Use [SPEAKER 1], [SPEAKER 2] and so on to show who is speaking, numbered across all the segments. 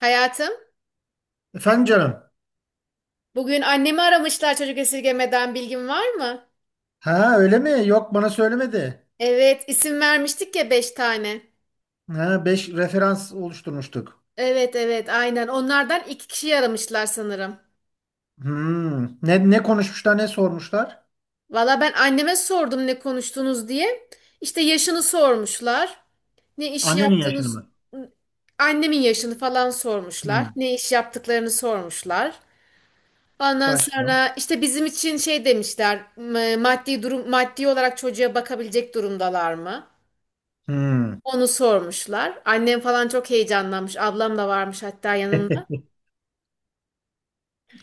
[SPEAKER 1] Hayatım,
[SPEAKER 2] Efendim canım.
[SPEAKER 1] bugün annemi aramışlar çocuk esirgemeden bilgin var mı?
[SPEAKER 2] Ha öyle mi? Yok bana söylemedi.
[SPEAKER 1] Evet, isim vermiştik ya 5 tane.
[SPEAKER 2] Ha 5 referans oluşturmuştuk.
[SPEAKER 1] Evet evet aynen onlardan 2 kişi aramışlar sanırım.
[SPEAKER 2] Hmm. Ne konuşmuşlar, ne sormuşlar?
[SPEAKER 1] Valla ben anneme sordum ne konuştunuz diye. İşte yaşını sormuşlar. Ne iş
[SPEAKER 2] Annenin yaşını
[SPEAKER 1] yaptığınız...
[SPEAKER 2] mı?
[SPEAKER 1] Annemin yaşını falan sormuşlar.
[SPEAKER 2] Hmm.
[SPEAKER 1] Ne iş yaptıklarını sormuşlar. Ondan
[SPEAKER 2] Başka.
[SPEAKER 1] sonra işte bizim için şey demişler. Maddi olarak çocuğa bakabilecek durumdalar mı?
[SPEAKER 2] Hmm.
[SPEAKER 1] Onu sormuşlar. Annem falan çok heyecanlanmış. Ablam da varmış hatta yanında.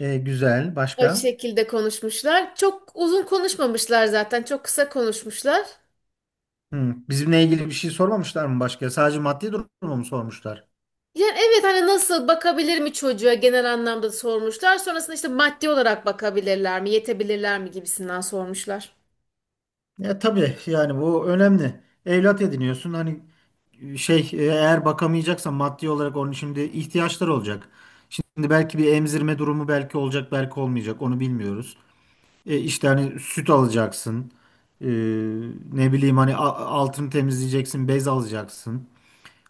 [SPEAKER 2] Güzel.
[SPEAKER 1] O
[SPEAKER 2] Başka?
[SPEAKER 1] şekilde konuşmuşlar. Çok uzun konuşmamışlar zaten. Çok kısa konuşmuşlar.
[SPEAKER 2] Hmm. Bizimle ilgili bir şey sormamışlar mı başka? Sadece maddi durumu mu sormuşlar?
[SPEAKER 1] Yani evet hani nasıl bakabilir mi çocuğa genel anlamda sormuşlar. Sonrasında işte maddi olarak bakabilirler mi, yetebilirler mi gibisinden sormuşlar.
[SPEAKER 2] Ya tabii yani bu önemli. Evlat ediniyorsun hani şey eğer bakamayacaksan maddi olarak onun şimdi ihtiyaçları olacak. Şimdi belki bir emzirme durumu belki olacak belki olmayacak onu bilmiyoruz. İşte hani süt alacaksın. E, Ne bileyim hani altını temizleyeceksin, bez alacaksın.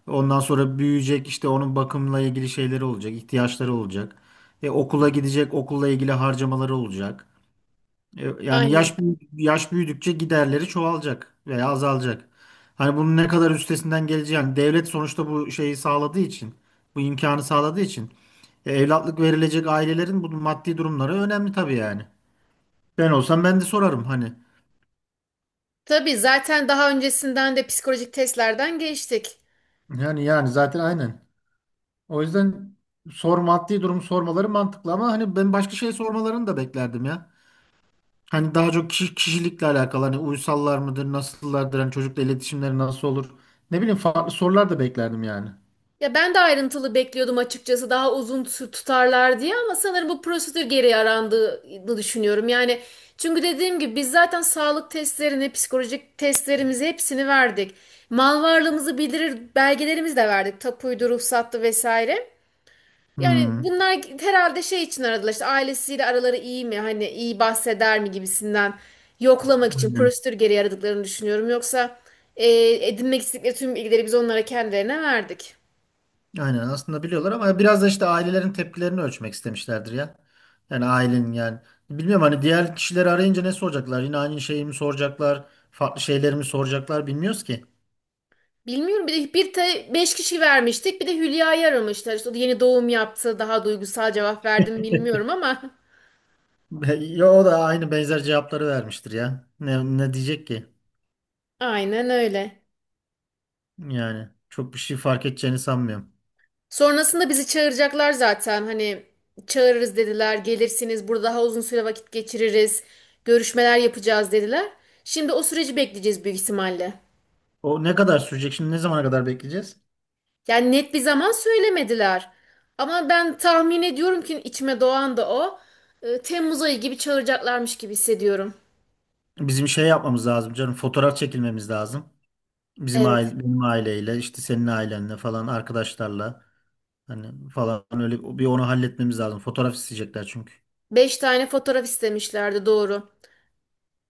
[SPEAKER 2] Ondan sonra büyüyecek işte onun bakımla ilgili şeyleri olacak, ihtiyaçları olacak. Okula gidecek, okulla ilgili harcamaları olacak. Yani
[SPEAKER 1] Aynen.
[SPEAKER 2] yaş büyüdükçe giderleri çoğalacak veya azalacak. Hani bunun ne kadar üstesinden geleceğini yani devlet sonuçta bu şeyi sağladığı için, bu imkanı sağladığı için evlatlık verilecek ailelerin bu maddi durumları önemli tabii yani. Ben olsam ben de sorarım hani.
[SPEAKER 1] Tabii zaten daha öncesinden de psikolojik testlerden geçtik.
[SPEAKER 2] Yani zaten aynen. O yüzden sor maddi durum sormaları mantıklı ama hani ben başka şey sormalarını da beklerdim ya. Hani daha çok kişi, kişilikle alakalı hani uysallar mıdır, nasıllardır, hani çocukla iletişimleri nasıl olur? Ne bileyim farklı sorular da beklerdim yani.
[SPEAKER 1] Ya ben de ayrıntılı bekliyordum açıkçası, daha uzun tutarlar diye, ama sanırım bu prosedür geri arandığını düşünüyorum. Yani çünkü dediğim gibi biz zaten sağlık testlerini, psikolojik testlerimizi hepsini verdik. Mal varlığımızı bildirir belgelerimizi de verdik. Tapuydu, ruhsattı vesaire. Yani
[SPEAKER 2] Hmm,
[SPEAKER 1] bunlar herhalde şey için aradılar, işte ailesiyle araları iyi mi, hani iyi bahseder mi gibisinden yoklamak için
[SPEAKER 2] aynen.
[SPEAKER 1] prosedür geri aradıklarını düşünüyorum. Yoksa e, edinmek istedikleri tüm bilgileri biz onlara kendilerine verdik.
[SPEAKER 2] Aynen aslında biliyorlar ama biraz da işte ailelerin tepkilerini ölçmek istemişlerdir ya. Yani ailenin yani. Bilmiyorum hani diğer kişileri arayınca ne soracaklar? Yine aynı şeyi mi soracaklar? Farklı şeyleri mi soracaklar bilmiyoruz ki.
[SPEAKER 1] Bilmiyorum, bir de 5 kişi vermiştik, bir de Hülya'yı aramışlar. İşte o da yeni doğum yaptı, daha duygusal cevap verdim bilmiyorum ama.
[SPEAKER 2] Ya o da aynı benzer cevapları vermiştir ya. Ne diyecek ki?
[SPEAKER 1] Aynen öyle.
[SPEAKER 2] Yani çok bir şey fark edeceğini sanmıyorum.
[SPEAKER 1] Sonrasında bizi çağıracaklar zaten, hani çağırırız dediler, gelirsiniz burada daha uzun süre vakit geçiririz, görüşmeler yapacağız dediler. Şimdi o süreci bekleyeceğiz büyük ihtimalle.
[SPEAKER 2] O ne kadar sürecek şimdi? Ne zamana kadar bekleyeceğiz?
[SPEAKER 1] Yani net bir zaman söylemediler. Ama ben tahmin ediyorum ki içime doğan da o. Temmuz ayı gibi çağıracaklarmış gibi hissediyorum.
[SPEAKER 2] Bizim şey yapmamız lazım canım. Fotoğraf çekilmemiz lazım. Bizim
[SPEAKER 1] Evet.
[SPEAKER 2] aile, benim aileyle, işte senin ailenle falan, arkadaşlarla hani falan öyle bir onu halletmemiz lazım. Fotoğraf isteyecekler çünkü.
[SPEAKER 1] 5 tane fotoğraf istemişlerdi, doğru.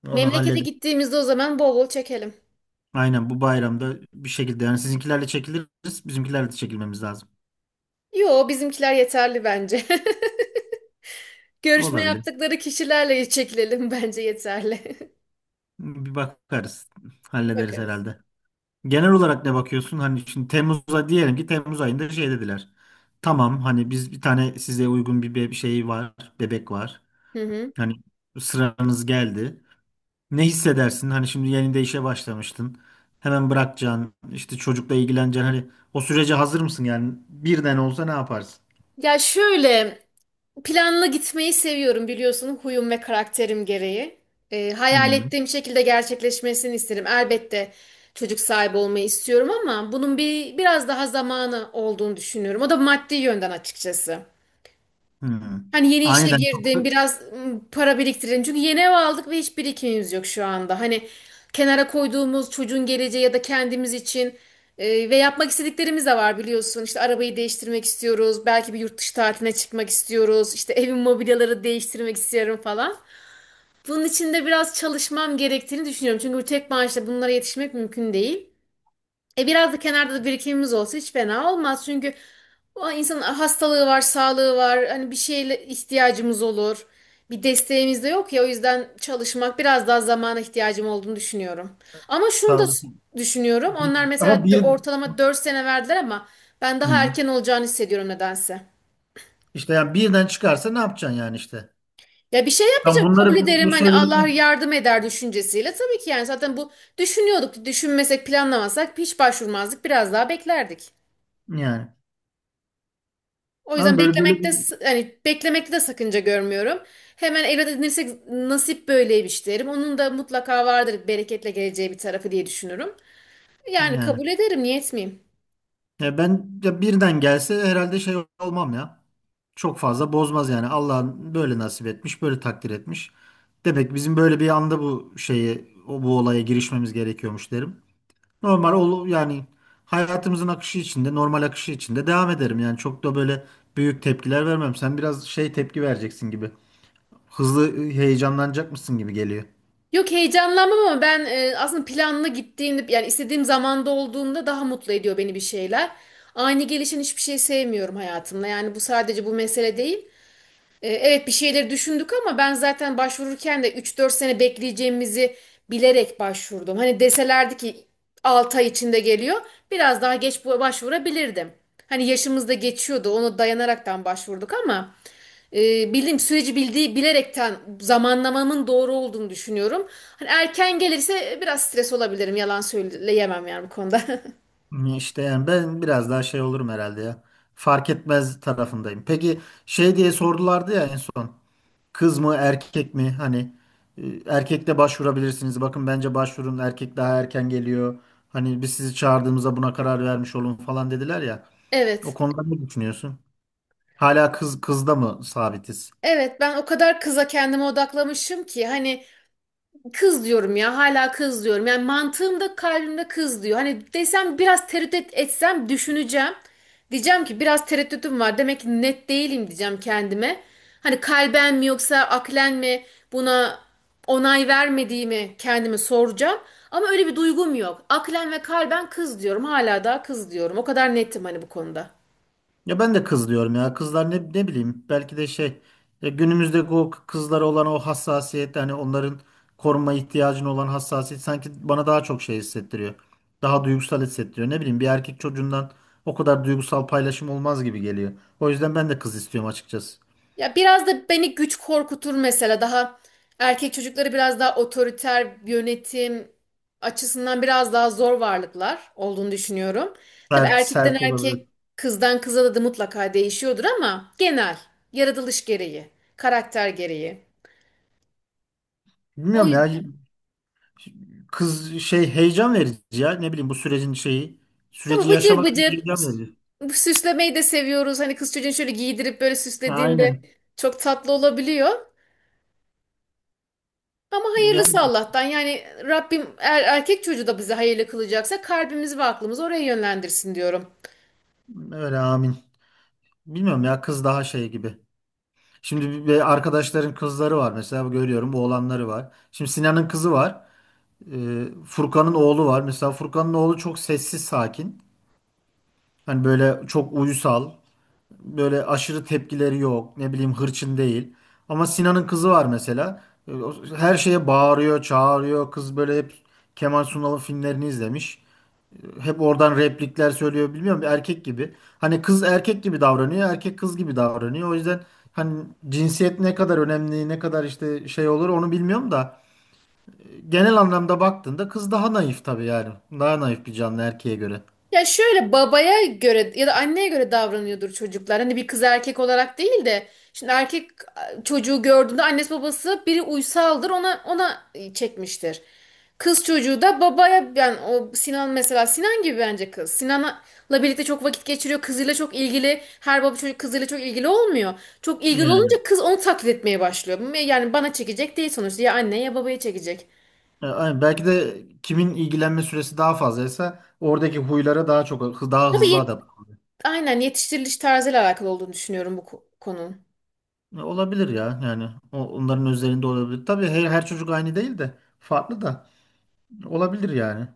[SPEAKER 2] Onu
[SPEAKER 1] Memlekete
[SPEAKER 2] halledip
[SPEAKER 1] gittiğimizde o zaman bol bol çekelim.
[SPEAKER 2] aynen bu bayramda bir şekilde yani sizinkilerle çekiliriz, bizimkilerle de çekilmemiz lazım.
[SPEAKER 1] Yo, bizimkiler yeterli bence. Görüşme
[SPEAKER 2] Olabilir.
[SPEAKER 1] yaptıkları kişilerle çekilelim, bence yeterli.
[SPEAKER 2] Bir bakarız. Hallederiz
[SPEAKER 1] Bakarız.
[SPEAKER 2] herhalde. Genel olarak ne bakıyorsun? Hani şimdi Temmuz'a diyelim ki Temmuz ayında şey dediler. Tamam hani biz bir tane size uygun şey var, bebek var.
[SPEAKER 1] Hı hı.
[SPEAKER 2] Hani sıranız geldi. Ne hissedersin? Hani şimdi yeni de işe başlamıştın. Hemen bırakacaksın, işte çocukla ilgileneceksin. Hani o sürece hazır mısın yani? Birden olsa ne yaparsın?
[SPEAKER 1] Ya şöyle, planlı gitmeyi seviyorum biliyorsun, huyum ve karakterim gereği. Hayal
[SPEAKER 2] Hı
[SPEAKER 1] ettiğim şekilde gerçekleşmesini isterim. Elbette çocuk sahibi olmayı istiyorum ama bunun biraz daha zamanı olduğunu düşünüyorum. O da maddi yönden açıkçası.
[SPEAKER 2] hı.
[SPEAKER 1] Hani yeni işe
[SPEAKER 2] Aniden
[SPEAKER 1] girdim,
[SPEAKER 2] çok.
[SPEAKER 1] biraz para biriktirelim. Çünkü yeni ev aldık ve hiç birikimimiz yok şu anda. Hani kenara koyduğumuz çocuğun geleceği ya da kendimiz için ve yapmak istediklerimiz de var biliyorsun. İşte arabayı değiştirmek istiyoruz, belki bir yurt dışı tatiline çıkmak istiyoruz, işte evin mobilyaları değiştirmek istiyorum falan. Bunun için de biraz çalışmam gerektiğini düşünüyorum. Çünkü bu tek maaşla bunlara yetişmek mümkün değil. Biraz da kenarda da birikimimiz olsa hiç fena olmaz. Çünkü o, insanın hastalığı var, sağlığı var. Hani bir şeyle ihtiyacımız olur. Bir desteğimiz de yok ya, o yüzden çalışmak, biraz daha zamana ihtiyacım olduğunu düşünüyorum. Ama şunu da
[SPEAKER 2] Tamam.
[SPEAKER 1] düşünüyorum. Onlar mesela
[SPEAKER 2] Ama bir.
[SPEAKER 1] ortalama 4 sene verdiler ama ben daha
[SPEAKER 2] Hı.
[SPEAKER 1] erken olacağını hissediyorum nedense.
[SPEAKER 2] İşte yani birden çıkarsa ne yapacaksın yani işte?
[SPEAKER 1] Ya bir şey
[SPEAKER 2] Tam
[SPEAKER 1] yapmayacağım, kabul
[SPEAKER 2] bunları bu
[SPEAKER 1] ederim hani,
[SPEAKER 2] soruyu
[SPEAKER 1] Allah yardım eder düşüncesiyle. Tabii ki yani zaten bu düşünüyorduk. Düşünmesek planlamasak hiç başvurmazdık, biraz daha beklerdik.
[SPEAKER 2] yani.
[SPEAKER 1] O yüzden
[SPEAKER 2] Ama böyle bir
[SPEAKER 1] beklemekte hani beklemekte de sakınca görmüyorum. Hemen evlat edinirsek nasip böyleymiş derim. Onun da mutlaka vardır bereketle geleceği bir tarafı diye düşünürüm. Yani
[SPEAKER 2] yani.
[SPEAKER 1] kabul ederim, niye etmeyeyim?
[SPEAKER 2] Ya ben ya birden gelse herhalde şey olmam ya. Çok fazla bozmaz yani. Allah böyle nasip etmiş, böyle takdir etmiş. Demek ki bizim böyle bir anda bu şeye, o bu olaya girişmemiz gerekiyormuş derim. Normal ol yani hayatımızın akışı içinde, normal akışı içinde devam ederim. Yani çok da böyle büyük tepkiler vermem. Sen biraz şey tepki vereceksin gibi. Hızlı heyecanlanacak mısın gibi geliyor.
[SPEAKER 1] Yok, heyecanlanmam ama ben aslında planlı gittiğimde, yani istediğim zamanda olduğunda daha mutlu ediyor beni bir şeyler. Ani gelişen hiçbir şey sevmiyorum hayatımda. Yani bu sadece bu mesele değil. Evet, bir şeyleri düşündük ama ben zaten başvururken de 3-4 sene bekleyeceğimizi bilerek başvurdum. Hani deselerdi ki 6 ay içinde geliyor, biraz daha geç başvurabilirdim. Hani yaşımız da geçiyordu, ona dayanaraktan başvurduk ama bildiğim süreci bilerekten, zamanlamamın doğru olduğunu düşünüyorum. Hani erken gelirse biraz stres olabilirim, yalan söyleyemem yani bu konuda.
[SPEAKER 2] İşte yani ben biraz daha şey olurum herhalde ya. Fark etmez tarafındayım. Peki şey diye sordulardı ya en son. Kız mı erkek mi? Hani erkek de başvurabilirsiniz. Bakın bence başvurun erkek daha erken geliyor. Hani biz sizi çağırdığımızda buna karar vermiş olun falan dediler ya. O
[SPEAKER 1] Evet.
[SPEAKER 2] konuda ne düşünüyorsun? Hala kızda mı sabitiz?
[SPEAKER 1] Evet, ben o kadar kıza, kendime odaklamışım ki hani, kız diyorum ya, hala kız diyorum. Yani mantığımda, kalbimde kız diyor. Hani desem biraz, tereddüt etsem düşüneceğim. Diyeceğim ki biraz tereddütüm var. Demek ki net değilim diyeceğim kendime. Hani kalben mi yoksa aklen mi buna onay vermediğimi kendime soracağım. Ama öyle bir duygum yok. Aklen ve kalben kız diyorum. Hala daha kız diyorum. O kadar netim hani bu konuda.
[SPEAKER 2] Ya ben de kız diyorum ya. Kızlar ne bileyim belki de şey günümüzde bu kızlara olan o hassasiyet hani onların koruma ihtiyacına olan hassasiyet sanki bana daha çok şey hissettiriyor. Daha duygusal hissettiriyor. Ne bileyim bir erkek çocuğundan o kadar duygusal paylaşım olmaz gibi geliyor. O yüzden ben de kız istiyorum açıkçası.
[SPEAKER 1] Ya biraz da beni güç korkutur mesela. Daha, erkek çocukları biraz daha otoriter, yönetim açısından biraz daha zor varlıklar olduğunu düşünüyorum. Tabii
[SPEAKER 2] Sert,
[SPEAKER 1] erkekten
[SPEAKER 2] sert olabilir.
[SPEAKER 1] erkek, kızdan kıza da mutlaka değişiyordur ama genel yaratılış gereği, karakter gereği. O
[SPEAKER 2] Bilmiyorum ya
[SPEAKER 1] yüzden.
[SPEAKER 2] kız şey heyecan verici ya ne bileyim bu sürecin şeyi
[SPEAKER 1] Tabii
[SPEAKER 2] süreci
[SPEAKER 1] bıcır
[SPEAKER 2] yaşamak bir
[SPEAKER 1] bıcır
[SPEAKER 2] heyecan verici.
[SPEAKER 1] bu süslemeyi de seviyoruz. Hani kız çocuğunu şöyle giydirip böyle
[SPEAKER 2] Ha,
[SPEAKER 1] süslediğinde
[SPEAKER 2] aynen.
[SPEAKER 1] çok tatlı olabiliyor. Ama hayırlısı
[SPEAKER 2] Yani
[SPEAKER 1] Allah'tan. Yani Rabbim erkek çocuğu da bizi hayırlı kılacaksa kalbimizi ve aklımızı oraya yönlendirsin diyorum.
[SPEAKER 2] öyle amin. Bilmiyorum ya kız daha şey gibi. Şimdi bir arkadaşların kızları var mesela görüyorum oğlanları var. Şimdi Sinan'ın kızı var. Furkan'ın oğlu var. Mesela Furkan'ın oğlu çok sessiz sakin. Hani böyle çok uysal. Böyle aşırı tepkileri yok. Ne bileyim hırçın değil. Ama Sinan'ın kızı var mesela. Her şeye bağırıyor, çağırıyor. Kız böyle hep Kemal Sunal'ın filmlerini izlemiş hep oradan replikler söylüyor bilmiyorum bir erkek gibi. Hani kız erkek gibi davranıyor, erkek kız gibi davranıyor. O yüzden hani cinsiyet ne kadar önemli, ne kadar işte şey olur onu bilmiyorum da genel anlamda baktığında kız daha naif tabii yani. Daha naif bir canlı erkeğe göre.
[SPEAKER 1] Ya şöyle, babaya göre ya da anneye göre davranıyordur çocuklar. Hani bir kız, erkek olarak değil de, şimdi erkek çocuğu gördüğünde annesi babası biri uysaldır, ona çekmiştir. Kız çocuğu da babaya, yani o Sinan mesela, Sinan gibi bence kız. Sinan'la birlikte çok vakit geçiriyor. Kızıyla çok ilgili. Her baba çocuk kızıyla çok ilgili olmuyor. Çok ilgili
[SPEAKER 2] Yani.
[SPEAKER 1] olunca kız onu taklit etmeye başlıyor. Yani bana çekecek değil sonuçta. Ya anne ya babaya çekecek.
[SPEAKER 2] Aynen. Belki de kimin ilgilenme süresi daha fazlaysa oradaki huylara daha çok daha
[SPEAKER 1] Tabii
[SPEAKER 2] hızlı adapte.
[SPEAKER 1] aynen yetiştiriliş tarzıyla alakalı olduğunu düşünüyorum bu konunun.
[SPEAKER 2] Olabilir ya yani. Onların üzerinde olabilir. Tabii her çocuk aynı değil de farklı da olabilir yani.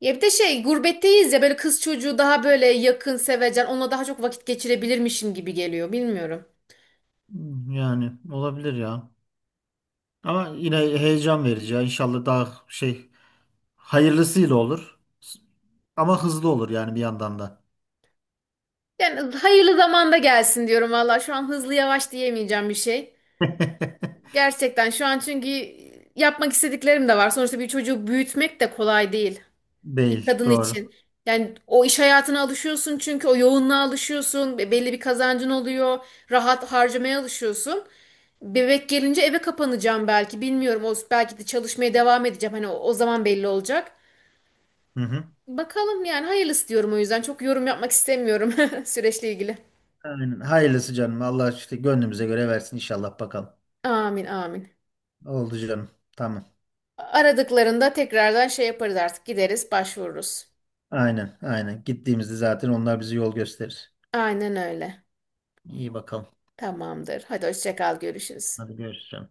[SPEAKER 1] Ya bir de şey, gurbetteyiz ya, böyle kız çocuğu daha böyle yakın, sevecen, onunla daha çok vakit geçirebilirmişim gibi geliyor, bilmiyorum.
[SPEAKER 2] Yani olabilir ya. Ama yine heyecan verici ya. İnşallah daha şey hayırlısıyla olur. Ama hızlı olur yani bir yandan da.
[SPEAKER 1] Yani hayırlı zamanda gelsin diyorum valla, şu an hızlı yavaş diyemeyeceğim bir şey. Gerçekten şu an, çünkü yapmak istediklerim de var. Sonuçta bir çocuğu büyütmek de kolay değil bir
[SPEAKER 2] Değil,
[SPEAKER 1] kadın
[SPEAKER 2] doğru.
[SPEAKER 1] için. Yani o iş hayatına alışıyorsun, çünkü o yoğunluğa alışıyorsun. Belli bir kazancın oluyor. Rahat harcamaya alışıyorsun. Bebek gelince eve kapanacağım belki, bilmiyorum. O belki de çalışmaya devam edeceğim. Hani o zaman belli olacak.
[SPEAKER 2] Hı hı.
[SPEAKER 1] Bakalım yani, hayırlısı diyorum o yüzden. Çok yorum yapmak istemiyorum süreçle ilgili.
[SPEAKER 2] Aynen. Hayırlısı canım. Allah işte gönlümüze göre versin inşallah bakalım.
[SPEAKER 1] Amin amin.
[SPEAKER 2] Oldu canım. Tamam.
[SPEAKER 1] Aradıklarında tekrardan şey yaparız artık. Gideriz, başvururuz.
[SPEAKER 2] Aynen, aynen. Gittiğimizde zaten onlar bize yol gösterir.
[SPEAKER 1] Aynen öyle.
[SPEAKER 2] İyi bakalım.
[SPEAKER 1] Tamamdır. Hadi hoşça kal, görüşürüz.
[SPEAKER 2] Hadi görüşürüz, canım.